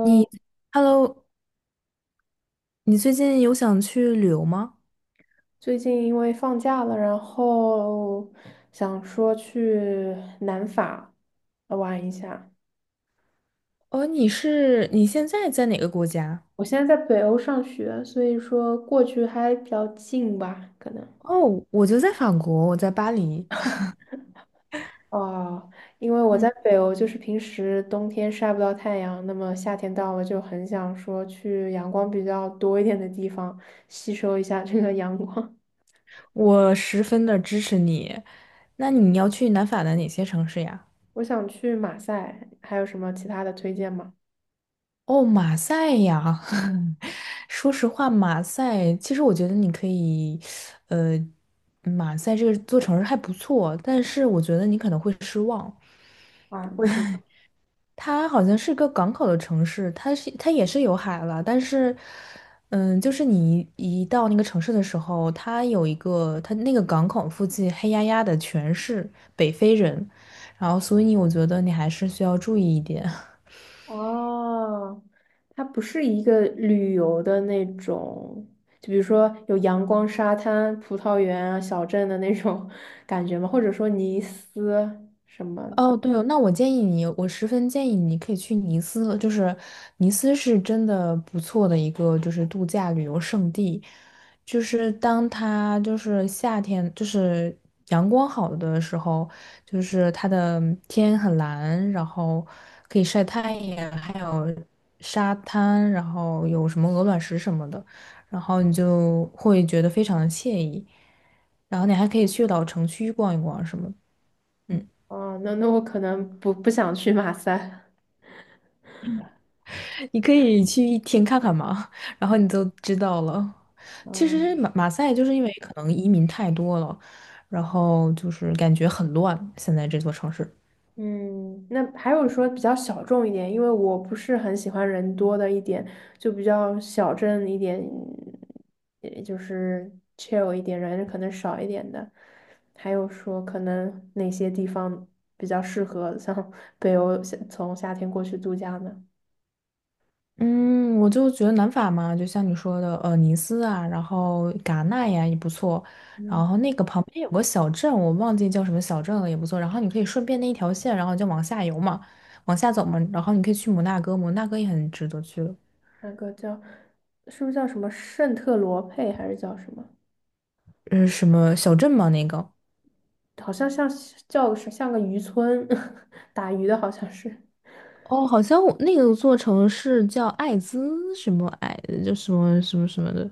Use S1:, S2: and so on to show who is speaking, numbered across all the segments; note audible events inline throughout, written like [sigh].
S1: 你 ，Hello，你最近有想去旅游吗？
S2: 最近因为放假了，然后想说去南法玩一下。
S1: 哦，你是你现在在哪个国家？
S2: 我现在在北欧上学，所以说过去还比较近吧，可能。
S1: 哦，我就在法国，我在巴黎。
S2: 哦，因为我
S1: 嗯，
S2: 在北欧，就是平时冬天晒不到太阳，那么夏天到了就很想说去阳光比较多一点的地方，吸收一下这个阳光。
S1: 我十分的支持你。那你要去南法的哪些城市呀？
S2: [laughs] 我想去马赛，还有什么其他的推荐吗？
S1: 哦，马赛呀。[laughs] 说实话，马赛，其实我觉得你可以，呃，马赛这个座城市还不错，但是我觉得你可能会失望。
S2: 啊，为什么？
S1: 它好像是个港口的城市，它是它也是有海了，但是，嗯，就是你一到那个城市的时候，它有一个它那个港口附近黑压压的全是北非人，然后所以我觉得你还是需要注意一点。[laughs]
S2: 哦，它不是一个旅游的那种，就比如说有阳光、沙滩、葡萄园啊、小镇的那种 [laughs] 感觉吗？或者说尼斯什么？
S1: 哦，对哦，那我建议你，我十分建议你可以去尼斯，就是尼斯是真的不错的一个就是度假旅游胜地，就是当它就是夏天就是阳光好的时候，就是它的天很蓝，然后可以晒太阳，还有沙滩，然后有什么鹅卵石什么的，然后你就会觉得非常的惬意，然后你还可以去老城区逛一逛什么的。嗯，
S2: 哦，那那我可能不想去马赛。
S1: 你可以去一天看看嘛，然后你就知道了。其实马赛就是因为可能移民太多了，然后就是感觉很乱，现在这座城市。
S2: 嗯，那还有说比较小众一点，因为我不是很喜欢人多的一点，就比较小镇一点，也就是 chill 一点，人可能少一点的。还有说可能哪些地方比较适合 [laughs] 像北欧夏从夏天过去度假呢？
S1: 嗯，我就觉得南法嘛，就像你说的，尼斯啊，然后戛纳呀也不错，
S2: 嗯，
S1: 然后那个旁边有个小镇，我忘记叫什么小镇了，也不错。然后你可以顺便那一条线，然后就往下游嘛，往下走嘛，然后你可以去摩纳哥，摩纳哥也很值得去了。
S2: 那个叫是不是叫什么圣特罗佩还是叫什么？
S1: 嗯，什么小镇嘛那个。
S2: 好像像叫是像个渔村，[laughs] 打鱼的好像是。
S1: 哦，好像我那个座城市叫艾滋什么艾，就什么什么什么的，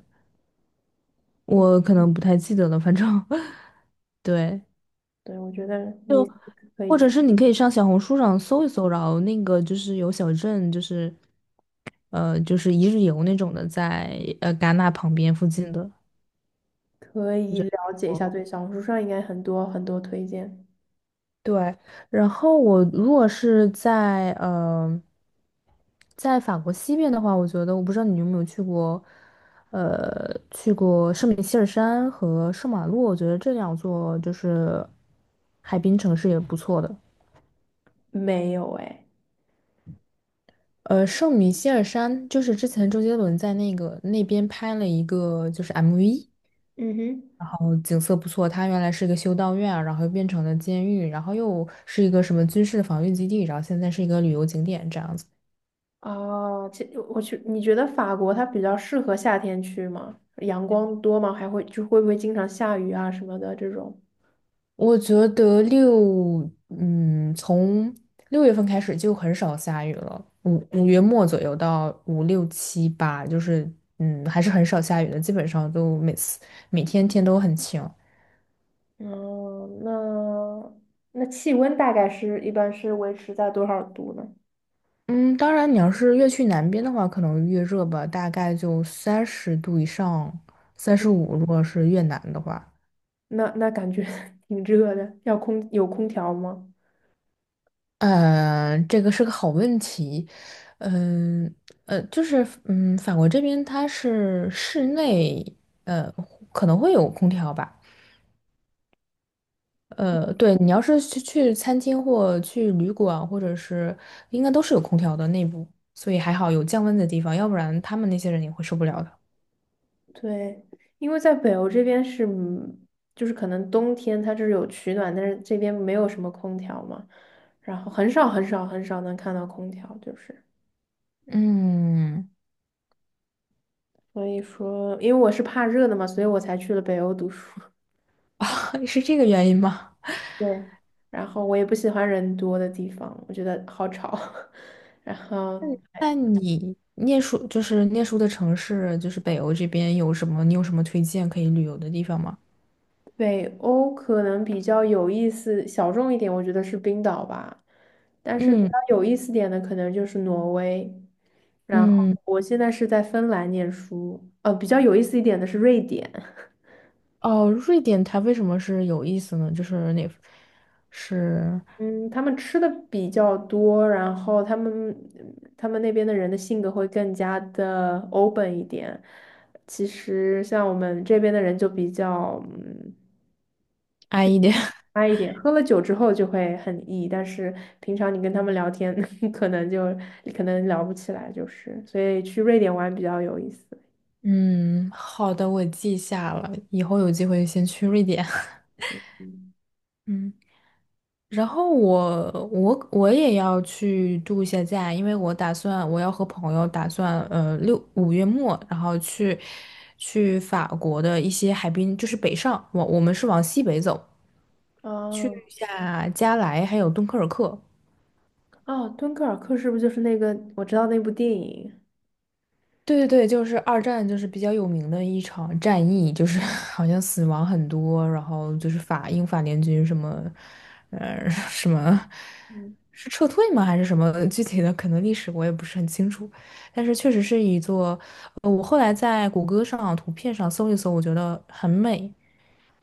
S1: 我可能不太记得了，反正 [laughs] 对，
S2: 对，我觉得
S1: 就
S2: 你。可以
S1: 或者
S2: 去。
S1: 是你可以上小红书上搜一搜，然后那个就是有小镇，就是就是一日游那种的在，戛纳旁边附近的，
S2: 可
S1: 我
S2: 以
S1: 觉
S2: 了解一
S1: 得。
S2: 下，对，小红书上应该很多很多推荐。
S1: 对，然后我如果是在在法国西边的话，我觉得我不知道你有没有去过，去过圣米歇尔山和圣马洛，我觉得这两座就是海滨城市也不错的。
S2: 没有哎，
S1: 圣米歇尔山就是之前周杰伦在那个那边拍了一个就是 MV，
S2: 嗯哼，
S1: 然后景色不错。它原来是一个修道院，然后又变成了监狱，然后又是一个什么军事防御基地，然后现在是一个旅游景点这样子。
S2: 哦，其我去，你觉得法国它比较适合夏天去吗？阳光多吗？还会就会不会经常下雨啊什么的这种？
S1: 我觉得六，嗯，从6月份开始就很少下雨了，五月末左右到5、6、7、8月，就是嗯，还是很少下雨的，基本上都每次每天天都很晴。
S2: 哦，那那气温大概是一般是维持在多少度呢？
S1: 嗯，当然你要是越去南边的话，可能越热吧，大概就30度以上，35，如果是越南的话。
S2: 那那感觉 [laughs] 挺热的，要空有空调吗？
S1: 这个是个好问题。嗯就是嗯，法国这边它是室内，呃，可能会有空调吧。对，你要是去餐厅或去旅馆，或者是应该都是有空调的内部，所以还好有降温的地方，要不然他们那些人也会受不了的。
S2: 对，因为在北欧这边是，嗯就是可能冬天它就是有取暖，但是这边没有什么空调嘛，然后很少很少很少能看到空调，就是
S1: 嗯，
S2: 所以说，因为我是怕热的嘛，所以我才去了北欧读书。[laughs]
S1: [laughs] 是这个原因吗？
S2: 对，然后我也不喜欢人多的地方，我觉得好吵，[laughs] 然后。
S1: 那你念书就是念书的城市，就是北欧这边有什么？你有什么推荐可以旅游的地方吗？
S2: 北欧可能比较有意思、小众一点，我觉得是冰岛吧。但是比较
S1: 嗯
S2: 有意思点的，可能就是挪威。然后
S1: 嗯。
S2: 我现在是在芬兰念书，比较有意思一点的是瑞典。
S1: 哦，瑞典它为什么是有意思呢？就是哪是
S2: 嗯，他们吃的比较多，然后他们那边的人的性格会更加的 open 一点。其实像我们这边的人就比较嗯
S1: 安逸点？[laughs]
S2: 差一点，喝了酒之后就会很 E,但是平常你跟他们聊天，[laughs] 可能就可能聊不起来，就是，所以去瑞典玩比较有意思。
S1: 嗯，好的，我记下了，以后有机会先去瑞典。
S2: 嗯
S1: [laughs] 嗯，然后我也要去度一下假，因为我打算我要和朋友打算六五月末，然后去去法国的一些海滨，就是北上，我们是往西北走，
S2: 哦，
S1: 下加莱还有敦刻尔克。
S2: 哦，敦刻尔克是不是就是那个我知道那部电影？
S1: 对对对，就是二战，就是比较有名的一场战役，就是 [laughs] 好像死亡很多，然后就是法英法联军什么，[laughs] 什么
S2: 嗯，
S1: 是撤退吗？还是什么具体的？可能历史我也不是很清楚，但是确实是一座，我后来在谷歌上图片上搜一搜，我觉得很美，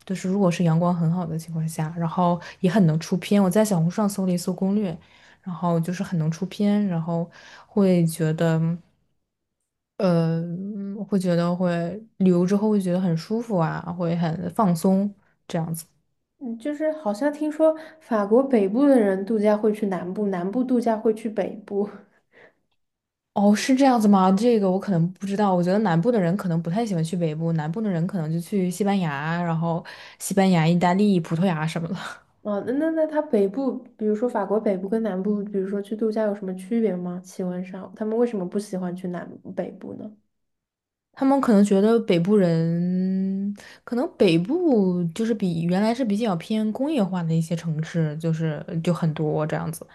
S1: 就是如果是阳光很好的情况下，然后也很能出片。我在小红书上搜了一搜攻略，然后就是很能出片，然后会觉得，呃，会觉得会旅游之后会觉得很舒服啊，会很放松。
S2: 嗯，就是好像听说法国北部的人度假会去南部，南部度假会去北部。
S1: 哦，是这样子吗？这个我可能不知道。我觉得南部的人可能不太喜欢去北部，南部的人可能就去西班牙，然后西班牙、意大利、葡萄牙什么的。
S2: 哦，那那那它北部，比如说法国北部跟南部，比如说去度假有什么区别吗？气温上，他们为什么不喜欢去南北部呢？
S1: 他们可能觉得北部人，可能北部就是比原来是比较偏工业化的一些城市，就是就很多这样子，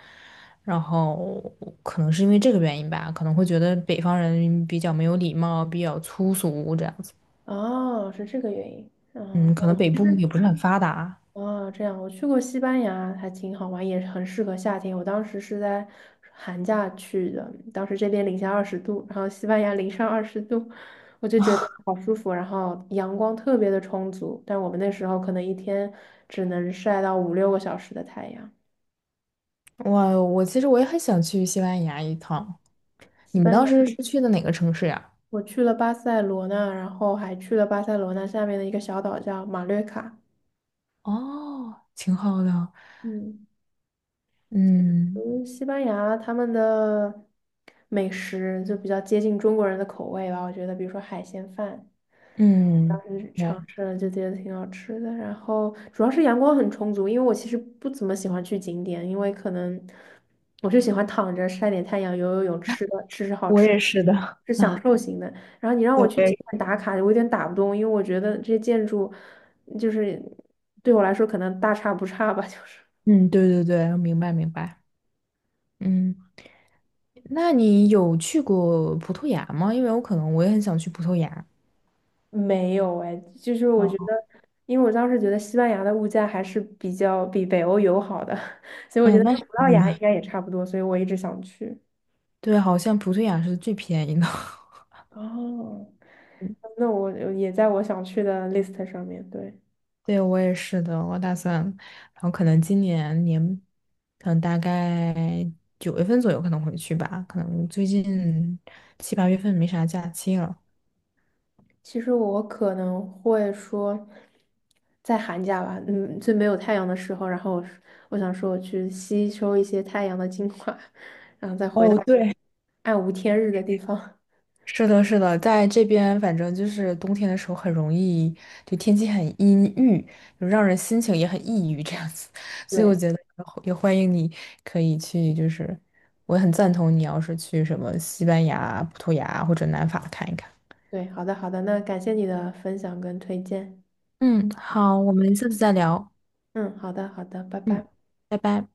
S1: 然后可能是因为这个原因吧，可能会觉得北方人比较没有礼貌，比较粗俗这样子。
S2: 哦，是这个原因。嗯，
S1: 嗯，可
S2: 我
S1: 能北
S2: 其
S1: 部
S2: 实
S1: 也不是很发达。
S2: 哦，这样我去过西班牙，还挺好玩，也很适合夏天。我当时是在寒假去的，当时这边零下20度，然后西班牙零上20度，我就觉得好舒服，然后阳光特别的充足。但我们那时候可能一天只能晒到五六个小时的太阳。
S1: 我其实我也很想去西班牙一趟。你
S2: 西
S1: 们
S2: 班
S1: 当
S2: 牙，
S1: 时是去的哪个城市呀？
S2: 我去了巴塞罗那，然后还去了巴塞罗那下面的一个小岛叫马略卡。
S1: 哦，挺好的。
S2: 嗯。
S1: 嗯
S2: 嗯，西班牙他们的美食就比较接近中国人的口味吧，我觉得，比如说海鲜饭，当
S1: 嗯，
S2: 时尝
S1: 对，
S2: 试了就觉得挺好吃的。然后主要是阳光很充足，因为我其实不怎么喜欢去景点，因为可能我就喜欢躺着晒点太阳、游游泳、吃的吃吃好
S1: 我
S2: 吃
S1: 也
S2: 的，
S1: 是的。[laughs]
S2: 是享
S1: 啊。
S2: 受型的。然后你让我去景
S1: 对，
S2: 点打卡，我有点打不动，因为我觉得这些建筑就是对我来说可能大差不差吧，[laughs] 就是。
S1: 嗯，对对对，明白明白。嗯，那你有去过葡萄牙吗？因为我可能我也很想去葡萄牙。
S2: 没有哎，就是我觉
S1: 哦，
S2: 得，因为我当时觉得西班牙的物价还是比较比北欧友好的，[laughs] 所以我觉
S1: 嗯，
S2: 得跟
S1: 那是
S2: 葡
S1: 肯
S2: 萄
S1: 定
S2: 牙应
S1: 的。
S2: 该也差不多，所以我一直想去。
S1: 对，好像葡萄牙是最便宜的。[laughs]
S2: 哦，那我也在我想去的 list 上面。对，
S1: 对，我也是的，我打算，然后可能今年年，可能大概9月份左右可能回去吧，可能最近7、8月份没啥假期了。
S2: 其实我可能会说，在寒假吧，嗯，最没有太阳的时候，然后我想说我去吸收一些太阳的精华，[laughs] 然后再回到
S1: 哦，对，
S2: 暗无天日的地方。
S1: 是的，是的，在这边反正就是冬天的时候很容易，就天气很阴郁，就让人心情也很抑郁这样子，[laughs]
S2: [laughs]
S1: 所以我
S2: 对。
S1: 觉得也欢迎你可以去，就是我很赞同你要是去什么西班牙、葡萄牙或者南法看一看。
S2: 对，好的好的，那感谢你的分享跟推荐。
S1: 嗯，好，我们下次再聊。
S2: 嗯，好的好的，拜
S1: 嗯，
S2: 拜。
S1: 拜拜。